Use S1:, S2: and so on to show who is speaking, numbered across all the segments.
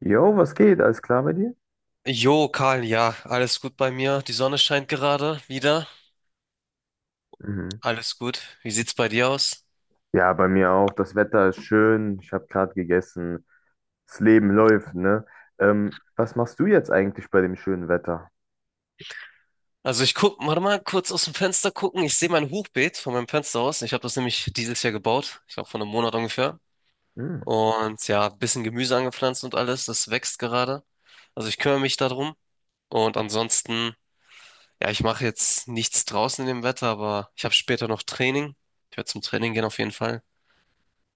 S1: Jo, was geht? Alles klar bei dir?
S2: Jo, Karl, ja, alles gut bei mir. Die Sonne scheint gerade wieder.
S1: Mhm.
S2: Alles gut. Wie sieht's bei dir aus?
S1: Ja, bei mir auch. Das Wetter ist schön. Ich habe gerade gegessen. Das Leben läuft, ne? Was machst du jetzt eigentlich bei dem schönen Wetter?
S2: Also ich guck, warte mal, kurz aus dem Fenster gucken. Ich sehe mein Hochbeet von meinem Fenster aus. Ich habe das nämlich dieses Jahr gebaut. Ich glaube vor einem Monat ungefähr.
S1: Mhm.
S2: Und ja, bisschen Gemüse angepflanzt und alles. Das wächst gerade. Also ich kümmere mich darum. Und ansonsten, ja, ich mache jetzt nichts draußen in dem Wetter, aber ich habe später noch Training. Ich werde zum Training gehen auf jeden Fall.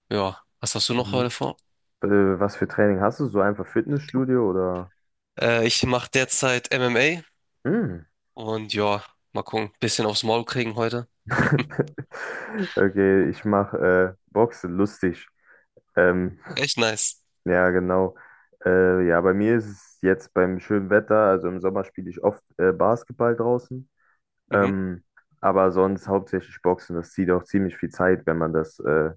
S2: Ja, was hast du noch heute
S1: Mhm.
S2: vor?
S1: Äh, Was für Training hast du? So einfach Fitnessstudio oder?
S2: Ich mache derzeit
S1: Mhm.
S2: MMA. Und ja, mal gucken. Bisschen aufs Maul kriegen heute.
S1: Okay, ich mache Boxen, lustig. Ähm,
S2: Echt nice.
S1: ja, genau. Ja, bei mir ist es jetzt beim schönen Wetter, also im Sommer spiele ich oft Basketball draußen.
S2: Mhm.
S1: Ähm, aber sonst hauptsächlich Boxen, das zieht auch ziemlich viel Zeit, wenn man das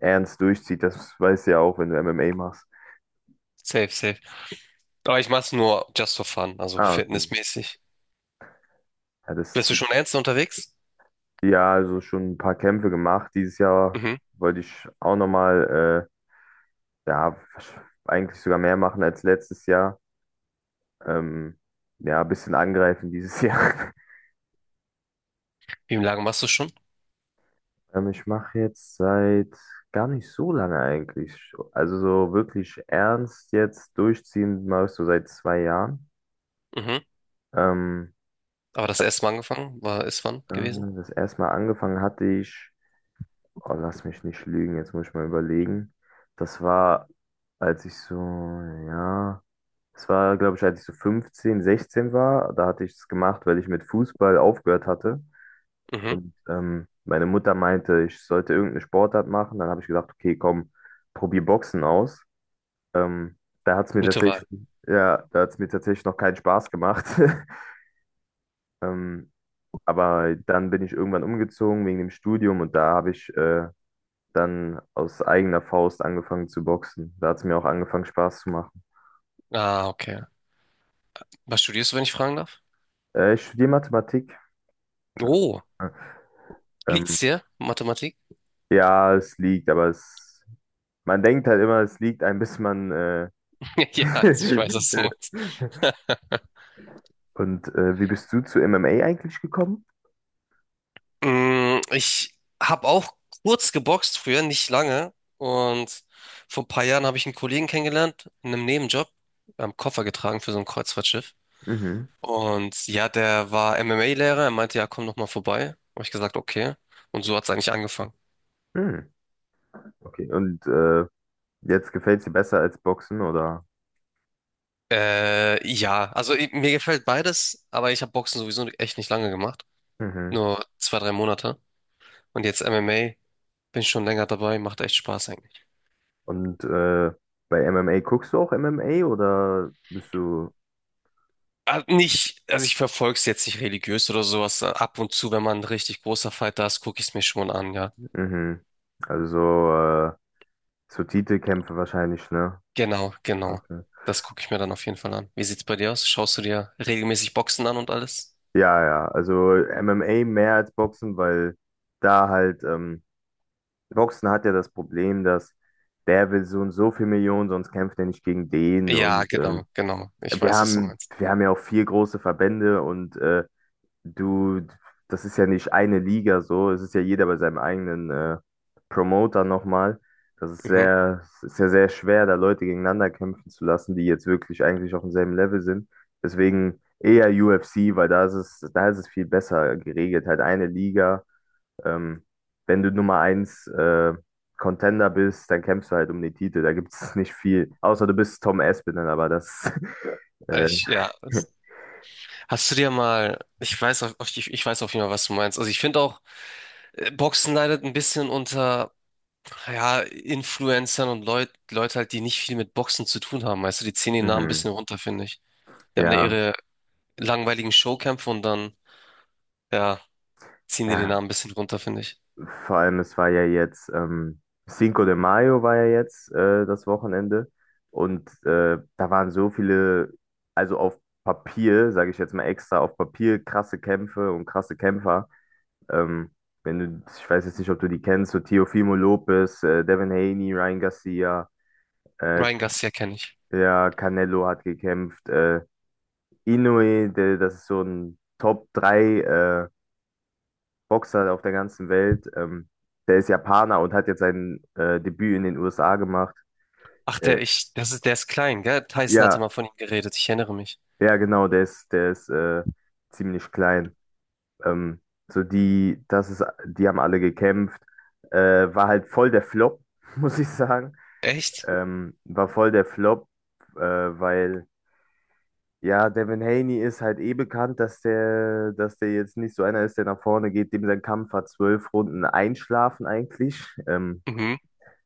S1: ernst durchzieht. Das weißt du ja auch, wenn du MMA machst.
S2: Safe, safe. Aber ich mach's nur just for fun, also
S1: Ah, okay.
S2: fitnessmäßig.
S1: Ja, das
S2: Bist du
S1: zieht.
S2: schon ernst unterwegs?
S1: Ja, also schon ein paar Kämpfe gemacht. Dieses Jahr
S2: Mhm.
S1: wollte ich auch nochmal, ja, eigentlich sogar mehr machen als letztes Jahr. Ähm, ja, ein bisschen angreifen dieses Jahr.
S2: Wie lange machst du schon?
S1: Ich mache jetzt seit gar nicht so lange eigentlich. Also so wirklich ernst jetzt durchziehen, machst du seit zwei Jahren.
S2: Mhm.
S1: Ähm,
S2: Aber das erste Mal angefangen, war ist wann
S1: Äh,
S2: gewesen?
S1: Das erste Mal angefangen hatte ich, oh, lass mich nicht lügen, jetzt muss ich mal überlegen. Das war, als ich so, ja, das war, glaube ich, als ich so 15, 16 war. Da hatte ich es gemacht, weil ich mit Fußball aufgehört hatte.
S2: Mhm.
S1: Und meine Mutter meinte, ich sollte irgendeine Sportart machen. Dann habe ich gedacht, okay, komm, probier Boxen aus. Ähm, Da hat es mir
S2: Gute Wahl.
S1: tatsächlich, ja, da hat es mir tatsächlich noch keinen Spaß gemacht. Ähm, Aber dann bin ich irgendwann umgezogen wegen dem Studium und da habe ich dann aus eigener Faust angefangen zu boxen. Da hat es mir auch angefangen, Spaß zu machen.
S2: Ah, okay. Was studierst du, wenn ich fragen darf?
S1: Ich studiere Mathematik.
S2: Oh,
S1: Ähm,
S2: liegt's dir? Mathematik?
S1: ja, es liegt, aber es, man denkt halt immer, es liegt ein, bis man.
S2: Ja, ich weiß, was du meinst.
S1: Und wie bist du zu MMA eigentlich gekommen?
S2: Mm, ich habe auch kurz geboxt früher, nicht lange. Und vor ein paar Jahren habe ich einen Kollegen kennengelernt, in einem Nebenjob. Wir haben Koffer getragen für so ein Kreuzfahrtschiff.
S1: Mhm.
S2: Und ja, der war MMA-Lehrer. Er meinte, ja, komm noch mal vorbei. Habe ich gesagt, okay. Und so hat es eigentlich angefangen.
S1: Mhm. Okay. Und jetzt gefällt es dir besser als Boxen, oder?
S2: Ja, also mir gefällt beides, aber ich habe Boxen sowieso echt nicht lange gemacht.
S1: Mhm.
S2: Nur zwei, drei Monate. Und jetzt MMA, bin schon länger dabei, macht echt Spaß.
S1: Und bei MMA guckst du auch MMA oder bist du
S2: Ah, nicht, also ich verfolge es jetzt nicht religiös oder sowas. Ab und zu, wenn man ein richtig großer Fighter ist, gucke ich es mir schon an, ja.
S1: Mhm. Also so, äh, so Titelkämpfe wahrscheinlich, ne?
S2: Genau, genau.
S1: Okay.
S2: Das gucke ich mir dann auf jeden Fall an. Wie sieht's bei dir aus? Schaust du dir regelmäßig Boxen an und alles?
S1: Ja, ja. Also MMA mehr als Boxen, weil da halt, Boxen hat ja das Problem, dass der will so und so viel Millionen, sonst kämpft er nicht gegen den.
S2: Ja,
S1: Und
S2: genau, genau. Ich
S1: wir
S2: weiß, was du
S1: haben,
S2: meinst.
S1: wir haben ja auch vier große Verbände und Du, das ist ja nicht eine Liga so, es ist ja jeder bei seinem eigenen Promoter nochmal. Das ist
S2: Mhm.
S1: sehr, es ist ja sehr schwer, da Leute gegeneinander kämpfen zu lassen, die jetzt wirklich eigentlich auf demselben Level sind. Deswegen eher UFC, weil da ist es viel besser geregelt. Halt eine Liga. Ähm, Wenn du Nummer eins Contender bist, dann kämpfst du halt um den Titel. Da gibt es nicht viel. Außer du bist Tom Aspinall, aber das. Äh,
S2: Ich, ja. Hast du dir mal, ich weiß, ich, ich weiß auf jeden Fall, was du meinst. Also ich finde auch, Boxen leidet ein bisschen unter, ja, Influencern und Leute halt, die nicht viel mit Boxen zu tun haben. Weißt du, die ziehen den Namen ein
S1: mhm.
S2: bisschen runter, finde ich. Die haben da
S1: Ja,
S2: ihre langweiligen Showkämpfe und dann, ja, ziehen die den
S1: ja,
S2: Namen ein bisschen runter, finde ich.
S1: vor allem, es war ja jetzt, Cinco de Mayo war ja jetzt das Wochenende und da waren so viele, also auf Papier, sage ich jetzt mal extra, auf Papier krasse Kämpfe und krasse Kämpfer. Ähm, Wenn du, ich weiß jetzt nicht, ob du die kennst, so Teofimo Lopez, Devin Haney, Ryan Garcia, äh,
S2: Ryan Garcia kenne ich.
S1: ja, Canelo hat gekämpft, Inoue, der, das ist so ein Top 3 Boxer auf der ganzen Welt. Der ist Japaner und hat jetzt sein Debüt in den USA gemacht.
S2: Ach,
S1: Äh,
S2: der, ich, das ist, der ist klein, gell? Tyson hatte
S1: ja,
S2: mal von ihm geredet, ich erinnere mich.
S1: ja, genau, der ist ziemlich klein. Ähm, so die, das ist, die haben alle gekämpft. War halt voll der Flop, muss ich sagen.
S2: Echt?
S1: War voll der Flop, weil ja, Devin Haney ist halt eh bekannt, dass der jetzt nicht so einer ist, der nach vorne geht, dem sein Kampf hat 12 Runden einschlafen eigentlich.
S2: Mhm.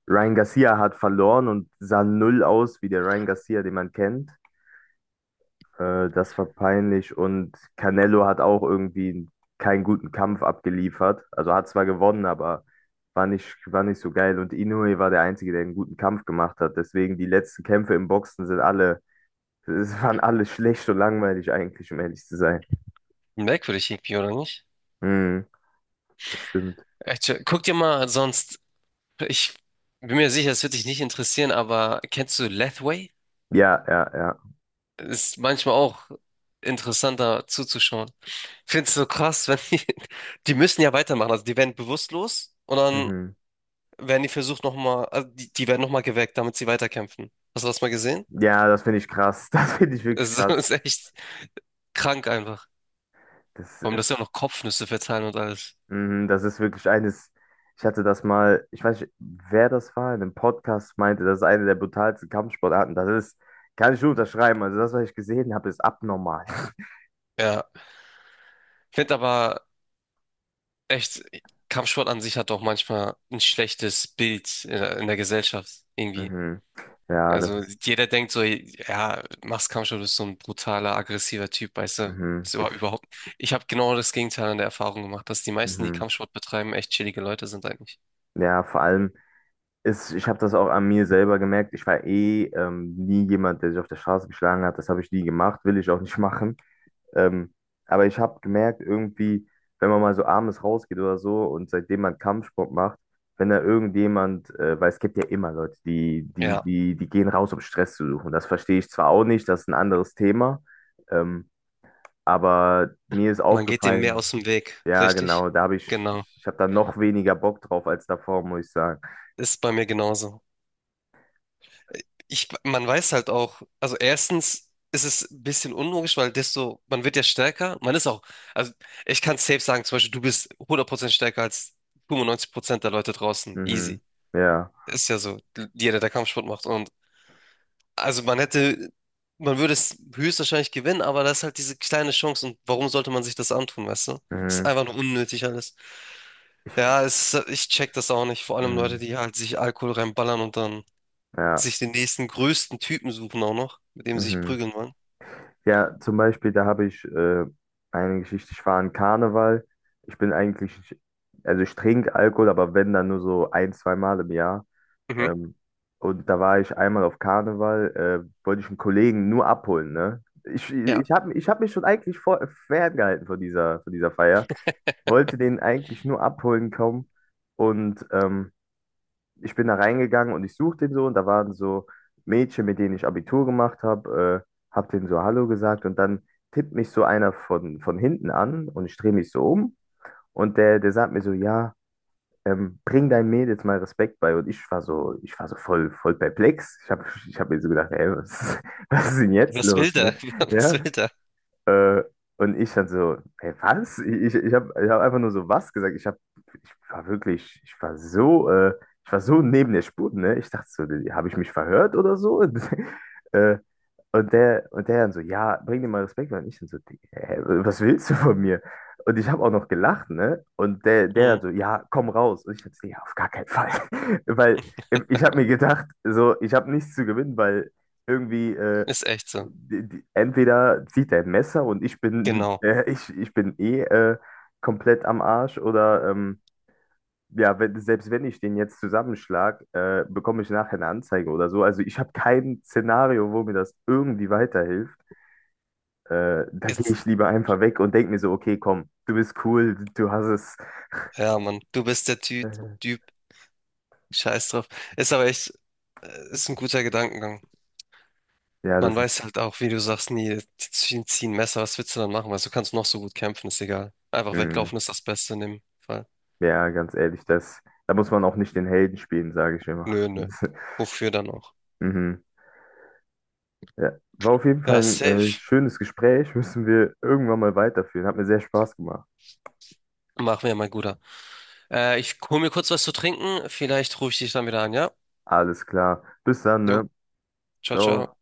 S1: Ryan Garcia hat verloren und sah null aus wie der Ryan Garcia, den man kennt. Das war peinlich und Canelo hat auch irgendwie keinen guten Kampf abgeliefert. Also hat zwar gewonnen, aber war nicht so geil. Und Inoue war der Einzige, der einen guten Kampf gemacht hat. Deswegen die letzten Kämpfe im Boxen sind alle, es waren alle schlecht und langweilig eigentlich, um ehrlich zu sein.
S2: Merkwürdig irgendwie, oder nicht?
S1: Hm, das stimmt.
S2: Echt, guck dir mal sonst, ich bin mir sicher, es wird dich nicht interessieren, aber kennst du Lathway?
S1: Ja, ja, ja.
S2: Ist manchmal auch interessanter zuzuschauen. Findest du so krass, wenn die, die müssen ja weitermachen, also die werden bewusstlos und dann
S1: Mhm.
S2: werden die versucht nochmal, also die, die werden nochmal geweckt, damit sie weiterkämpfen. Hast du das mal gesehen?
S1: Ja, das finde ich krass. Das finde ich wirklich
S2: Es
S1: krass.
S2: ist echt krank einfach.
S1: Das
S2: Vor allem, dass sie auch noch Kopfnüsse verteilen und alles.
S1: mhm, das ist wirklich eines. Ich hatte das mal, ich weiß nicht, wer das war, in einem Podcast meinte, das ist eine der brutalsten Kampfsportarten. Das ist, kann ich nur unterschreiben. Also das, was ich gesehen habe, ist abnormal.
S2: Ja. Ich finde aber echt, Kampfsport an sich hat auch manchmal ein schlechtes Bild in in der Gesellschaft irgendwie.
S1: Mhm. Ja, das
S2: Also
S1: ist.
S2: jeder denkt so, ja, machst Kampfsport, bist so ein brutaler, aggressiver Typ, weißt du.
S1: Mhm.
S2: Ist
S1: Ich,
S2: überhaupt. Ich habe genau das Gegenteil an der Erfahrung gemacht, dass die meisten, die
S1: mhm.
S2: Kampfsport betreiben, echt chillige Leute sind eigentlich.
S1: Ja, vor allem ist, ich habe das auch an mir selber gemerkt. Ich war eh nie jemand, der sich auf der Straße geschlagen hat. Das habe ich nie gemacht, will ich auch nicht machen. Ähm, aber ich habe gemerkt, irgendwie, wenn man mal so abends rausgeht oder so und seitdem man Kampfsport macht, wenn da irgendjemand, weil es gibt ja immer Leute, die, die,
S2: Ja,
S1: die, die gehen raus, um Stress zu suchen. Das verstehe ich zwar auch nicht, das ist ein anderes Thema, ähm, aber mir ist
S2: man geht dem mehr
S1: aufgefallen,
S2: aus dem Weg,
S1: ja,
S2: richtig?
S1: genau, da habe ich,
S2: Genau.
S1: ich habe da noch weniger Bock drauf als davor, muss ich sagen.
S2: Ist bei mir genauso. Ich, man weiß halt auch, also erstens ist es ein bisschen unlogisch, weil desto, man wird ja stärker, man ist auch, also ich kann safe sagen, zum Beispiel, du bist 100% stärker als 95% der Leute draußen.
S1: Mhm.
S2: Easy.
S1: Ja.
S2: Ist ja so, jeder, der Kampfsport macht. Und also man hätte, man würde es höchstwahrscheinlich gewinnen, aber das ist halt diese kleine Chance und warum sollte man sich das antun, weißt du? Ist
S1: Mhm.
S2: einfach nur unnötig alles. Ja, es, ich check das auch nicht. Vor allem Leute,
S1: Mhm.
S2: die halt sich Alkohol reinballern und dann
S1: Ja.
S2: sich den nächsten größten Typen suchen auch noch, mit dem sie sich
S1: Mhm.
S2: prügeln wollen.
S1: Ja, zum Beispiel, da habe ich eine Geschichte, ich war an Karneval. Ich bin eigentlich, also ich trinke Alkohol, aber wenn, dann nur so ein, zwei Mal im Jahr.
S2: Mhm.
S1: Ähm, und da war ich einmal auf Karneval, wollte ich einen Kollegen nur abholen, ne? Ich,
S2: Ja,
S1: ich habe ich hab mich schon eigentlich vor, ferngehalten von dieser Feier, wollte den eigentlich nur abholen kommen und ich bin da reingegangen und ich suchte den so und da waren so Mädchen, mit denen ich Abitur gemacht habe, habe denen so Hallo gesagt und dann tippt mich so einer von hinten an und ich drehe mich so um und der, der sagt mir so, ja, bring deinen Mädels mal Respekt bei und ich war so voll, voll perplex. Ich habe ich hab mir so gedacht, ey, was, was ist denn jetzt
S2: was will
S1: los,
S2: der?
S1: ne?
S2: Was
S1: Ja,
S2: will der?
S1: äh, und ich dann so, hey, was? Ich habe ich hab einfach nur so was gesagt. Ich hab, ich war wirklich, ich war so neben der Spur, ne? Ich dachte so, habe ich mich verhört oder so? äh, und der, und der dann so, ja, bring dir mal Respekt. Und ich dann so, hä, was willst du von mir? Und ich habe auch noch gelacht, ne? Und der, der dann
S2: Mhm.
S1: so, ja, komm raus. Und ich dann so, ja, auf gar keinen Fall. Weil ich habe mir gedacht, so, ich habe nichts zu gewinnen, weil irgendwie.
S2: Ist echt so.
S1: Die, die, entweder zieht er ein Messer und ich bin,
S2: Genau.
S1: ich bin eh komplett am Arsch oder ja, wenn, selbst wenn ich den jetzt zusammenschlag, bekomme ich nachher eine Anzeige oder so. Also ich habe kein Szenario, wo mir das irgendwie weiterhilft. Da gehe
S2: Jetzt,
S1: ich lieber einfach weg und denke mir so, okay, komm, du bist cool, du hast es.
S2: ja, Mann, du bist der Ty
S1: Äh,
S2: Typ. Scheiß drauf. Ist aber echt, ist ein guter Gedankengang.
S1: ja,
S2: Man
S1: das ist,
S2: weiß halt auch, wie du sagst, nie, die ziehen Messer, was willst du dann machen? Weil du kannst noch so gut kämpfen, ist egal. Einfach
S1: mh,
S2: weglaufen ist das Beste in dem Fall.
S1: ja, ganz ehrlich, das, da muss man auch nicht den Helden spielen, sage ich immer.
S2: Nö, nö.
S1: Das,
S2: Wofür dann auch?
S1: mhm. Ja, war auf jeden Fall
S2: Ja, safe.
S1: ein schönes Gespräch. Müssen wir irgendwann mal weiterführen. Hat mir sehr Spaß gemacht.
S2: Machen wir, mein Guter. Ich hol mir kurz was zu trinken. Vielleicht rufe ich dich dann wieder an, ja?
S1: Alles klar. Bis dann,
S2: Jo,
S1: ne?
S2: ciao, ciao.
S1: Ciao.